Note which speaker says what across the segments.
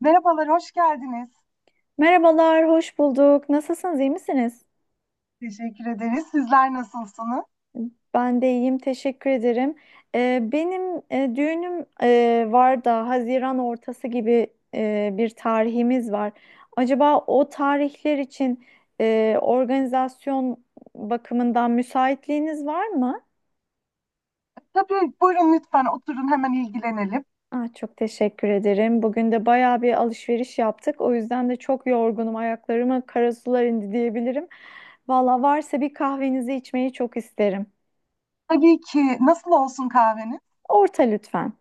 Speaker 1: Merhabalar, hoş geldiniz.
Speaker 2: Merhabalar, hoş bulduk. Nasılsınız, iyi misiniz?
Speaker 1: Teşekkür ederiz. Sizler nasılsınız?
Speaker 2: Ben de iyiyim, teşekkür ederim. Benim düğünüm var da Haziran ortası gibi bir tarihimiz var. Acaba o tarihler için organizasyon bakımından müsaitliğiniz var mı?
Speaker 1: Tabii buyurun, lütfen oturun, hemen ilgilenelim.
Speaker 2: Ah, çok teşekkür ederim. Bugün de bayağı bir alışveriş yaptık. O yüzden de çok yorgunum. Ayaklarıma karasular indi diyebilirim. Valla varsa bir kahvenizi içmeyi çok isterim.
Speaker 1: Tabii ki, nasıl olsun kahveniz?
Speaker 2: Orta lütfen.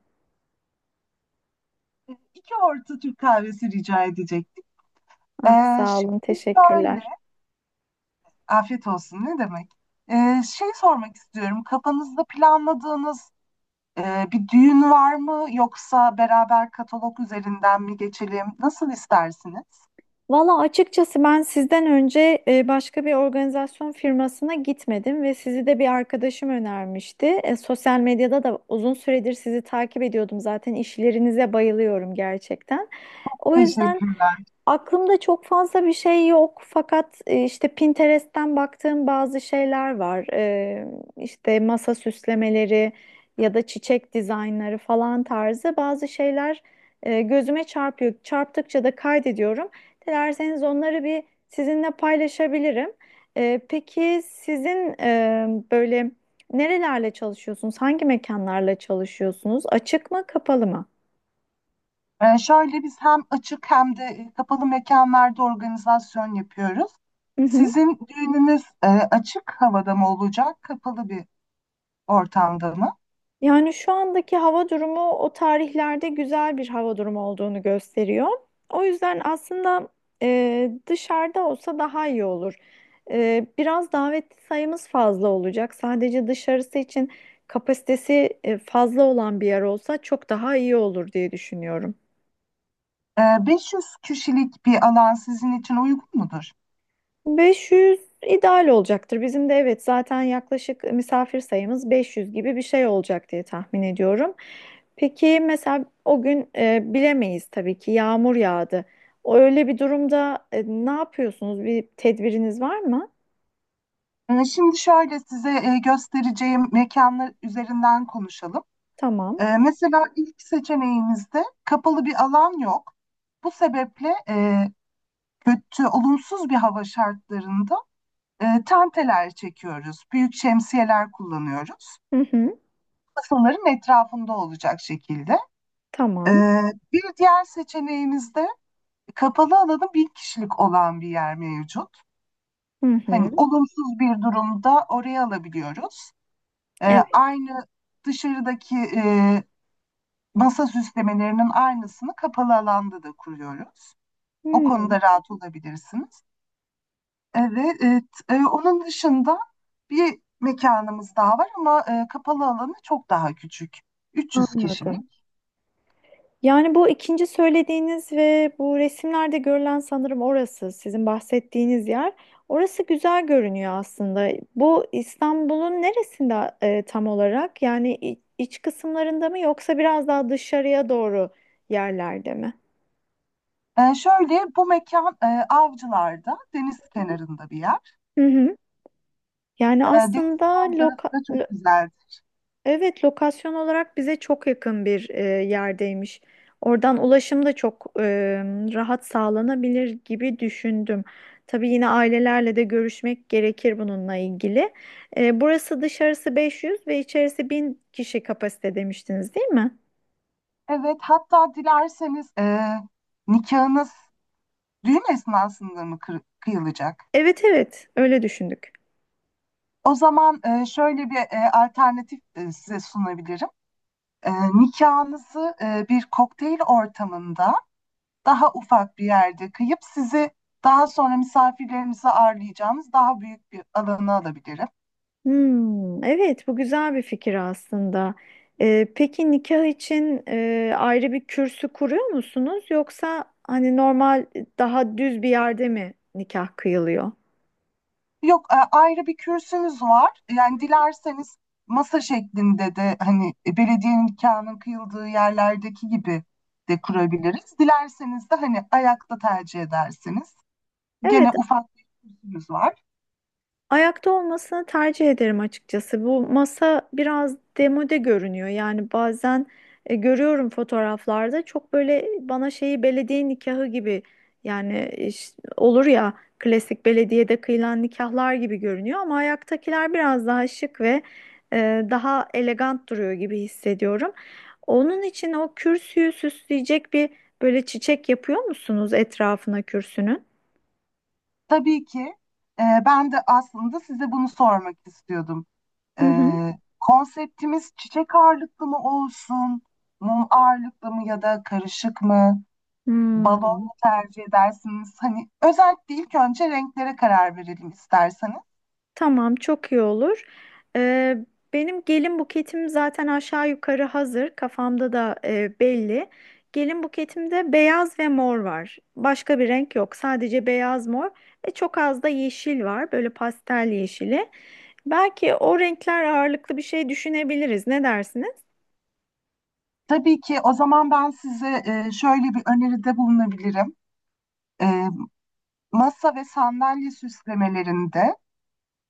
Speaker 1: İki orta Türk kahvesi rica edecektik.
Speaker 2: Ah
Speaker 1: Ee,
Speaker 2: sağ olun,
Speaker 1: Şimdi şöyle,
Speaker 2: teşekkürler.
Speaker 1: afiyet olsun ne demek? Şey sormak istiyorum, kafanızda planladığınız bir düğün var mı? Yoksa beraber katalog üzerinden mi geçelim? Nasıl istersiniz?
Speaker 2: Valla açıkçası ben sizden önce başka bir organizasyon firmasına gitmedim ve sizi de bir arkadaşım önermişti. Sosyal medyada da uzun süredir sizi takip ediyordum, zaten işlerinize bayılıyorum gerçekten. O yüzden.
Speaker 1: Teşekkür.
Speaker 2: Aklımda çok fazla bir şey yok fakat işte Pinterest'ten baktığım bazı şeyler var. İşte masa süslemeleri ya da çiçek dizaynları falan tarzı bazı şeyler gözüme çarpıyor. Çarptıkça da kaydediyorum. Dilerseniz onları bir sizinle paylaşabilirim. Peki sizin böyle nerelerle çalışıyorsunuz? Hangi mekanlarla çalışıyorsunuz? Açık mı, kapalı mı?
Speaker 1: Şöyle biz hem açık hem de kapalı mekanlarda organizasyon yapıyoruz. Sizin düğününüz açık havada mı olacak, kapalı bir ortamda mı?
Speaker 2: Yani şu andaki hava durumu o tarihlerde güzel bir hava durumu olduğunu gösteriyor. O yüzden aslında dışarıda olsa daha iyi olur. Biraz davetli sayımız fazla olacak. Sadece dışarısı için kapasitesi fazla olan bir yer olsa çok daha iyi olur diye düşünüyorum.
Speaker 1: 500 kişilik bir alan sizin için uygun mudur?
Speaker 2: 500 ideal olacaktır. Bizim de, evet, zaten yaklaşık misafir sayımız 500 gibi bir şey olacak diye tahmin ediyorum. Peki mesela o gün bilemeyiz tabii ki yağmur yağdı. O öyle bir durumda ne yapıyorsunuz? Bir tedbiriniz var mı?
Speaker 1: Şimdi şöyle, size göstereceğim mekanlar üzerinden konuşalım.
Speaker 2: Tamam.
Speaker 1: Mesela ilk seçeneğimizde kapalı bir alan yok. Bu sebeple kötü, olumsuz bir hava şartlarında tanteler çekiyoruz, büyük şemsiyeler kullanıyoruz.
Speaker 2: Hı hı.
Speaker 1: Masaların etrafında olacak şekilde. E,
Speaker 2: Tamam.
Speaker 1: Bir diğer seçeneğimizde kapalı alanı 1000 kişilik olan bir yer mevcut.
Speaker 2: Hı
Speaker 1: Hani
Speaker 2: hı.
Speaker 1: olumsuz bir durumda oraya alabiliyoruz. E,
Speaker 2: Evet.
Speaker 1: Aynı dışarıdaki masa süslemelerinin aynısını kapalı alanda da kuruyoruz. O
Speaker 2: Hmm,
Speaker 1: konuda rahat olabilirsiniz. Evet, onun dışında bir mekanımız daha var ama kapalı alanı çok daha küçük. 300
Speaker 2: anladım.
Speaker 1: kişilik.
Speaker 2: Yani bu ikinci söylediğiniz ve bu resimlerde görülen sanırım orası sizin bahsettiğiniz yer. Orası güzel görünüyor aslında. Bu İstanbul'un neresinde tam olarak? Yani iç kısımlarında mı yoksa biraz daha dışarıya doğru yerlerde mi?
Speaker 1: Şöyle, bu mekan Avcılar'da, deniz kenarında bir yer.
Speaker 2: Hı hı. Yani
Speaker 1: Deniz
Speaker 2: aslında loka.
Speaker 1: manzarası da çok güzel.
Speaker 2: Evet, lokasyon olarak bize çok yakın bir yerdeymiş. Oradan ulaşım da çok rahat sağlanabilir gibi düşündüm. Tabii yine ailelerle de görüşmek gerekir bununla ilgili. E, burası dışarısı 500 ve içerisi 1000 kişi kapasite demiştiniz, değil mi?
Speaker 1: Evet, hatta dilerseniz nikahınız düğün esnasında mı kıyılacak?
Speaker 2: Evet, evet, öyle düşündük.
Speaker 1: O zaman şöyle bir alternatif size sunabilirim. Nikahınızı bir kokteyl ortamında daha ufak bir yerde kıyıp, sizi daha sonra misafirlerimizi ağırlayacağımız daha büyük bir alana alabilirim.
Speaker 2: Hmm, evet, bu güzel bir fikir aslında. Peki nikah için ayrı bir kürsü kuruyor musunuz, yoksa hani normal daha düz bir yerde mi nikah kıyılıyor?
Speaker 1: Yok, ayrı bir kürsümüz var. Yani dilerseniz masa şeklinde de, hani belediyenin nikahının kıyıldığı yerlerdeki gibi de kurabiliriz. Dilerseniz de hani ayakta tercih edersiniz. Gene
Speaker 2: Evet.
Speaker 1: ufak bir kürsümüz var.
Speaker 2: Ayakta olmasını tercih ederim açıkçası. Bu masa biraz demode görünüyor. Yani bazen görüyorum fotoğraflarda, çok böyle bana şeyi belediye nikahı gibi, yani olur ya, klasik belediyede kıyılan nikahlar gibi görünüyor, ama ayaktakiler biraz daha şık ve daha elegant duruyor gibi hissediyorum. Onun için o kürsüyü süsleyecek bir böyle çiçek yapıyor musunuz etrafına kürsünün?
Speaker 1: Tabii ki, ben de aslında size bunu sormak istiyordum.
Speaker 2: Hı hı.
Speaker 1: Ee, Konseptimiz çiçek ağırlıklı mı olsun, mum ağırlıklı mı, ya da karışık mı, balon
Speaker 2: Hmm.
Speaker 1: mu tercih edersiniz? Hani özellikle ilk önce renklere karar verelim isterseniz.
Speaker 2: Tamam, çok iyi olur. Ee, Benim gelin buketim zaten aşağı yukarı hazır. Kafamda da belli. Gelin buketimde beyaz ve mor var. Başka bir renk yok. Sadece beyaz, mor ve çok az da yeşil var. Böyle pastel yeşili. Belki o renkler ağırlıklı bir şey düşünebiliriz. Ne dersiniz?
Speaker 1: Tabii ki, o zaman ben size şöyle bir öneride bulunabilirim. E, Masa ve sandalye süslemelerinde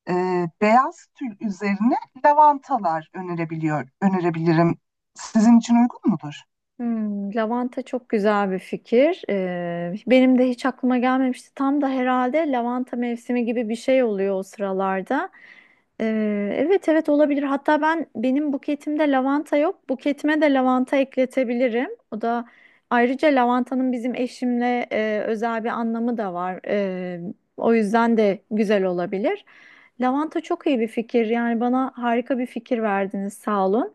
Speaker 1: e, beyaz tül üzerine lavantalar önerebilirim. Sizin için uygun mudur?
Speaker 2: Hmm, lavanta çok güzel bir fikir. Benim de hiç aklıma gelmemişti. Tam da herhalde lavanta mevsimi gibi bir şey oluyor o sıralarda. Evet, evet, olabilir. Hatta benim buketimde lavanta yok. Buketime de lavanta ekletebilirim. O da, ayrıca, lavantanın bizim eşimle özel bir anlamı da var. O yüzden de güzel olabilir. Lavanta çok iyi bir fikir. Yani bana harika bir fikir verdiniz. Sağ olun.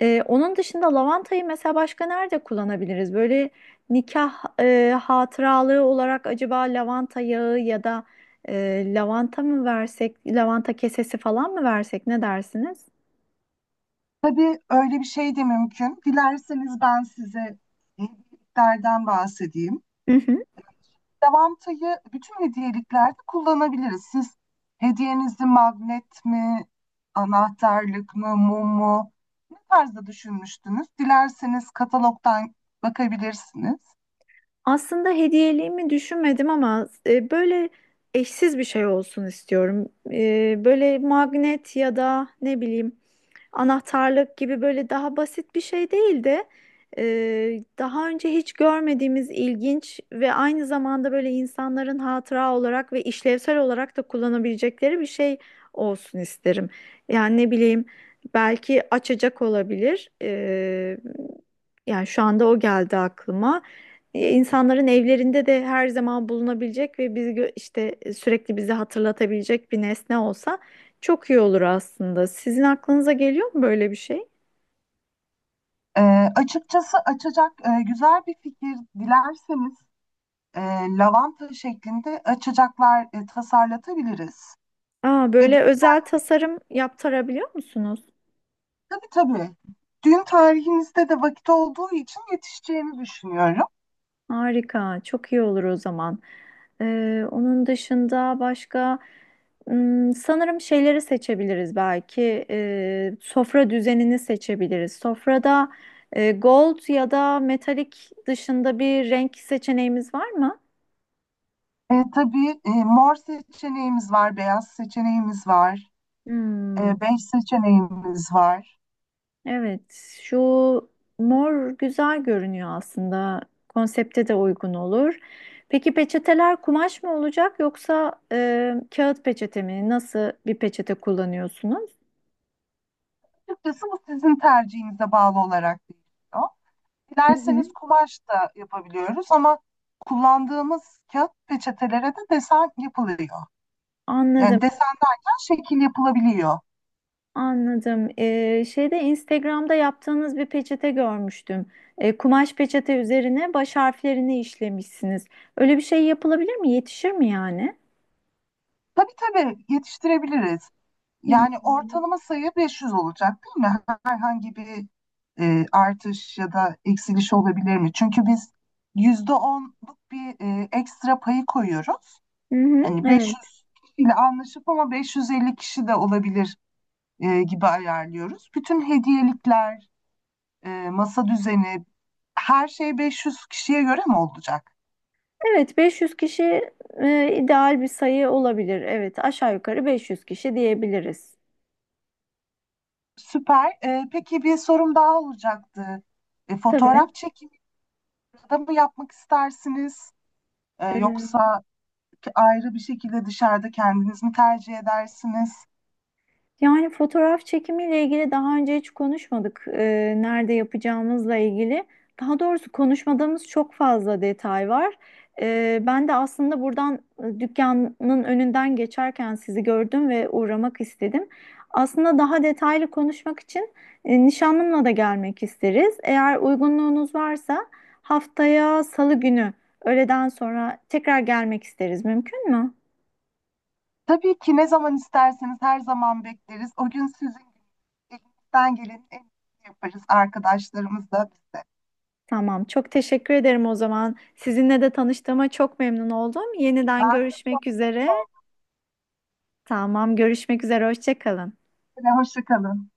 Speaker 2: Onun dışında lavantayı mesela başka nerede kullanabiliriz? Böyle nikah hatıralığı olarak acaba lavanta yağı ya da lavanta mı versek, lavanta kesesi falan mı versek, ne dersiniz?
Speaker 1: Tabii, öyle bir şey de mümkün. Dilerseniz ben size hediyeliklerden bahsedeyim.
Speaker 2: Hı hı.
Speaker 1: Davantayı bütün hediyeliklerde kullanabiliriz. Siz hediyenizi magnet mi, anahtarlık mı, mum mu, ne tarzda düşünmüştünüz? Dilerseniz katalogdan bakabilirsiniz.
Speaker 2: Aslında hediyeliğimi düşünmedim, ama böyle eşsiz bir şey olsun istiyorum. Böyle magnet ya da ne bileyim anahtarlık gibi böyle daha basit bir şey değildi. Daha önce hiç görmediğimiz, ilginç ve aynı zamanda böyle insanların hatıra olarak ve işlevsel olarak da kullanabilecekleri bir şey olsun isterim. Yani ne bileyim, belki açacak olabilir. Yani şu anda o geldi aklıma. İnsanların evlerinde de her zaman bulunabilecek ve biz işte sürekli bizi hatırlatabilecek bir nesne olsa çok iyi olur aslında. Sizin aklınıza geliyor mu böyle bir şey?
Speaker 1: Ee, Açıkçası açacak güzel bir fikir. Dilerseniz e, lavanta şeklinde açacaklar tasarlatabiliriz.
Speaker 2: Aa,
Speaker 1: Ve
Speaker 2: böyle özel tasarım yaptırabiliyor musunuz?
Speaker 1: tabii. Düğün tarihinizde de vakit olduğu için yetişeceğini düşünüyorum.
Speaker 2: Harika, çok iyi olur o zaman. Onun dışında başka, sanırım şeyleri seçebiliriz belki. Sofra düzenini seçebiliriz. Sofrada gold ya da metalik dışında bir renk seçeneğimiz var mı?
Speaker 1: Tabii, mor seçeneğimiz var, beyaz seçeneğimiz var,
Speaker 2: Hmm.
Speaker 1: bej seçeneğimiz var.
Speaker 2: Evet, şu mor güzel görünüyor aslında. Konsepte de uygun olur. Peki peçeteler kumaş mı olacak, yoksa kağıt peçete mi? Nasıl bir peçete kullanıyorsunuz?
Speaker 1: Açıkçası bu sizin tercihinize bağlı olarak değişiyor.
Speaker 2: Hı hı.
Speaker 1: Dilerseniz kumaş da yapabiliyoruz ama kullandığımız kağıt peçetelere de desen yapılıyor. Yani
Speaker 2: Anladım,
Speaker 1: desen derken şekil yapılabiliyor.
Speaker 2: anladım. Şeyde Instagram'da yaptığınız bir peçete görmüştüm. Kumaş peçete üzerine baş harflerini işlemişsiniz. Öyle bir şey yapılabilir mi? Yetişir mi yani?
Speaker 1: Tabii, yetiştirebiliriz.
Speaker 2: Hmm.
Speaker 1: Yani ortalama sayı 500 olacak, değil mi? Herhangi bir artış ya da eksiliş olabilir mi? Çünkü biz %10'luk bir ekstra payı koyuyoruz.
Speaker 2: Hı hı, hı,
Speaker 1: Hani
Speaker 2: evet.
Speaker 1: 500 kişiyle anlaşıp ama 550 kişi de olabilir gibi ayarlıyoruz. Bütün hediyelikler, masa düzeni, her şey 500 kişiye göre mi olacak?
Speaker 2: Evet, 500 kişi ideal bir sayı olabilir. Evet, aşağı yukarı 500 kişi diyebiliriz.
Speaker 1: Süper. Peki bir sorum daha olacaktı.
Speaker 2: Tabii.
Speaker 1: Fotoğraf çekimi da mı yapmak istersiniz? Yoksa ayrı bir şekilde dışarıda kendiniz mi tercih edersiniz?
Speaker 2: Yani fotoğraf çekimiyle ilgili daha önce hiç konuşmadık. Nerede yapacağımızla ilgili. Daha doğrusu konuşmadığımız çok fazla detay var. Ben de aslında buradan dükkanın önünden geçerken sizi gördüm ve uğramak istedim. Aslında daha detaylı konuşmak için nişanlımla da gelmek isteriz. Eğer uygunluğunuz varsa haftaya Salı günü öğleden sonra tekrar gelmek isteriz. Mümkün mü?
Speaker 1: Tabii ki, ne zaman isterseniz her zaman bekleriz. O gün sizin elinizden gelenin en iyisini yaparız arkadaşlarımızla biz de.
Speaker 2: Tamam, çok teşekkür ederim o zaman. Sizinle de tanıştığıma çok memnun oldum. Yeniden
Speaker 1: Ben,
Speaker 2: görüşmek üzere. Tamam, görüşmek üzere. Hoşça kalın.
Speaker 1: hoşça kalın.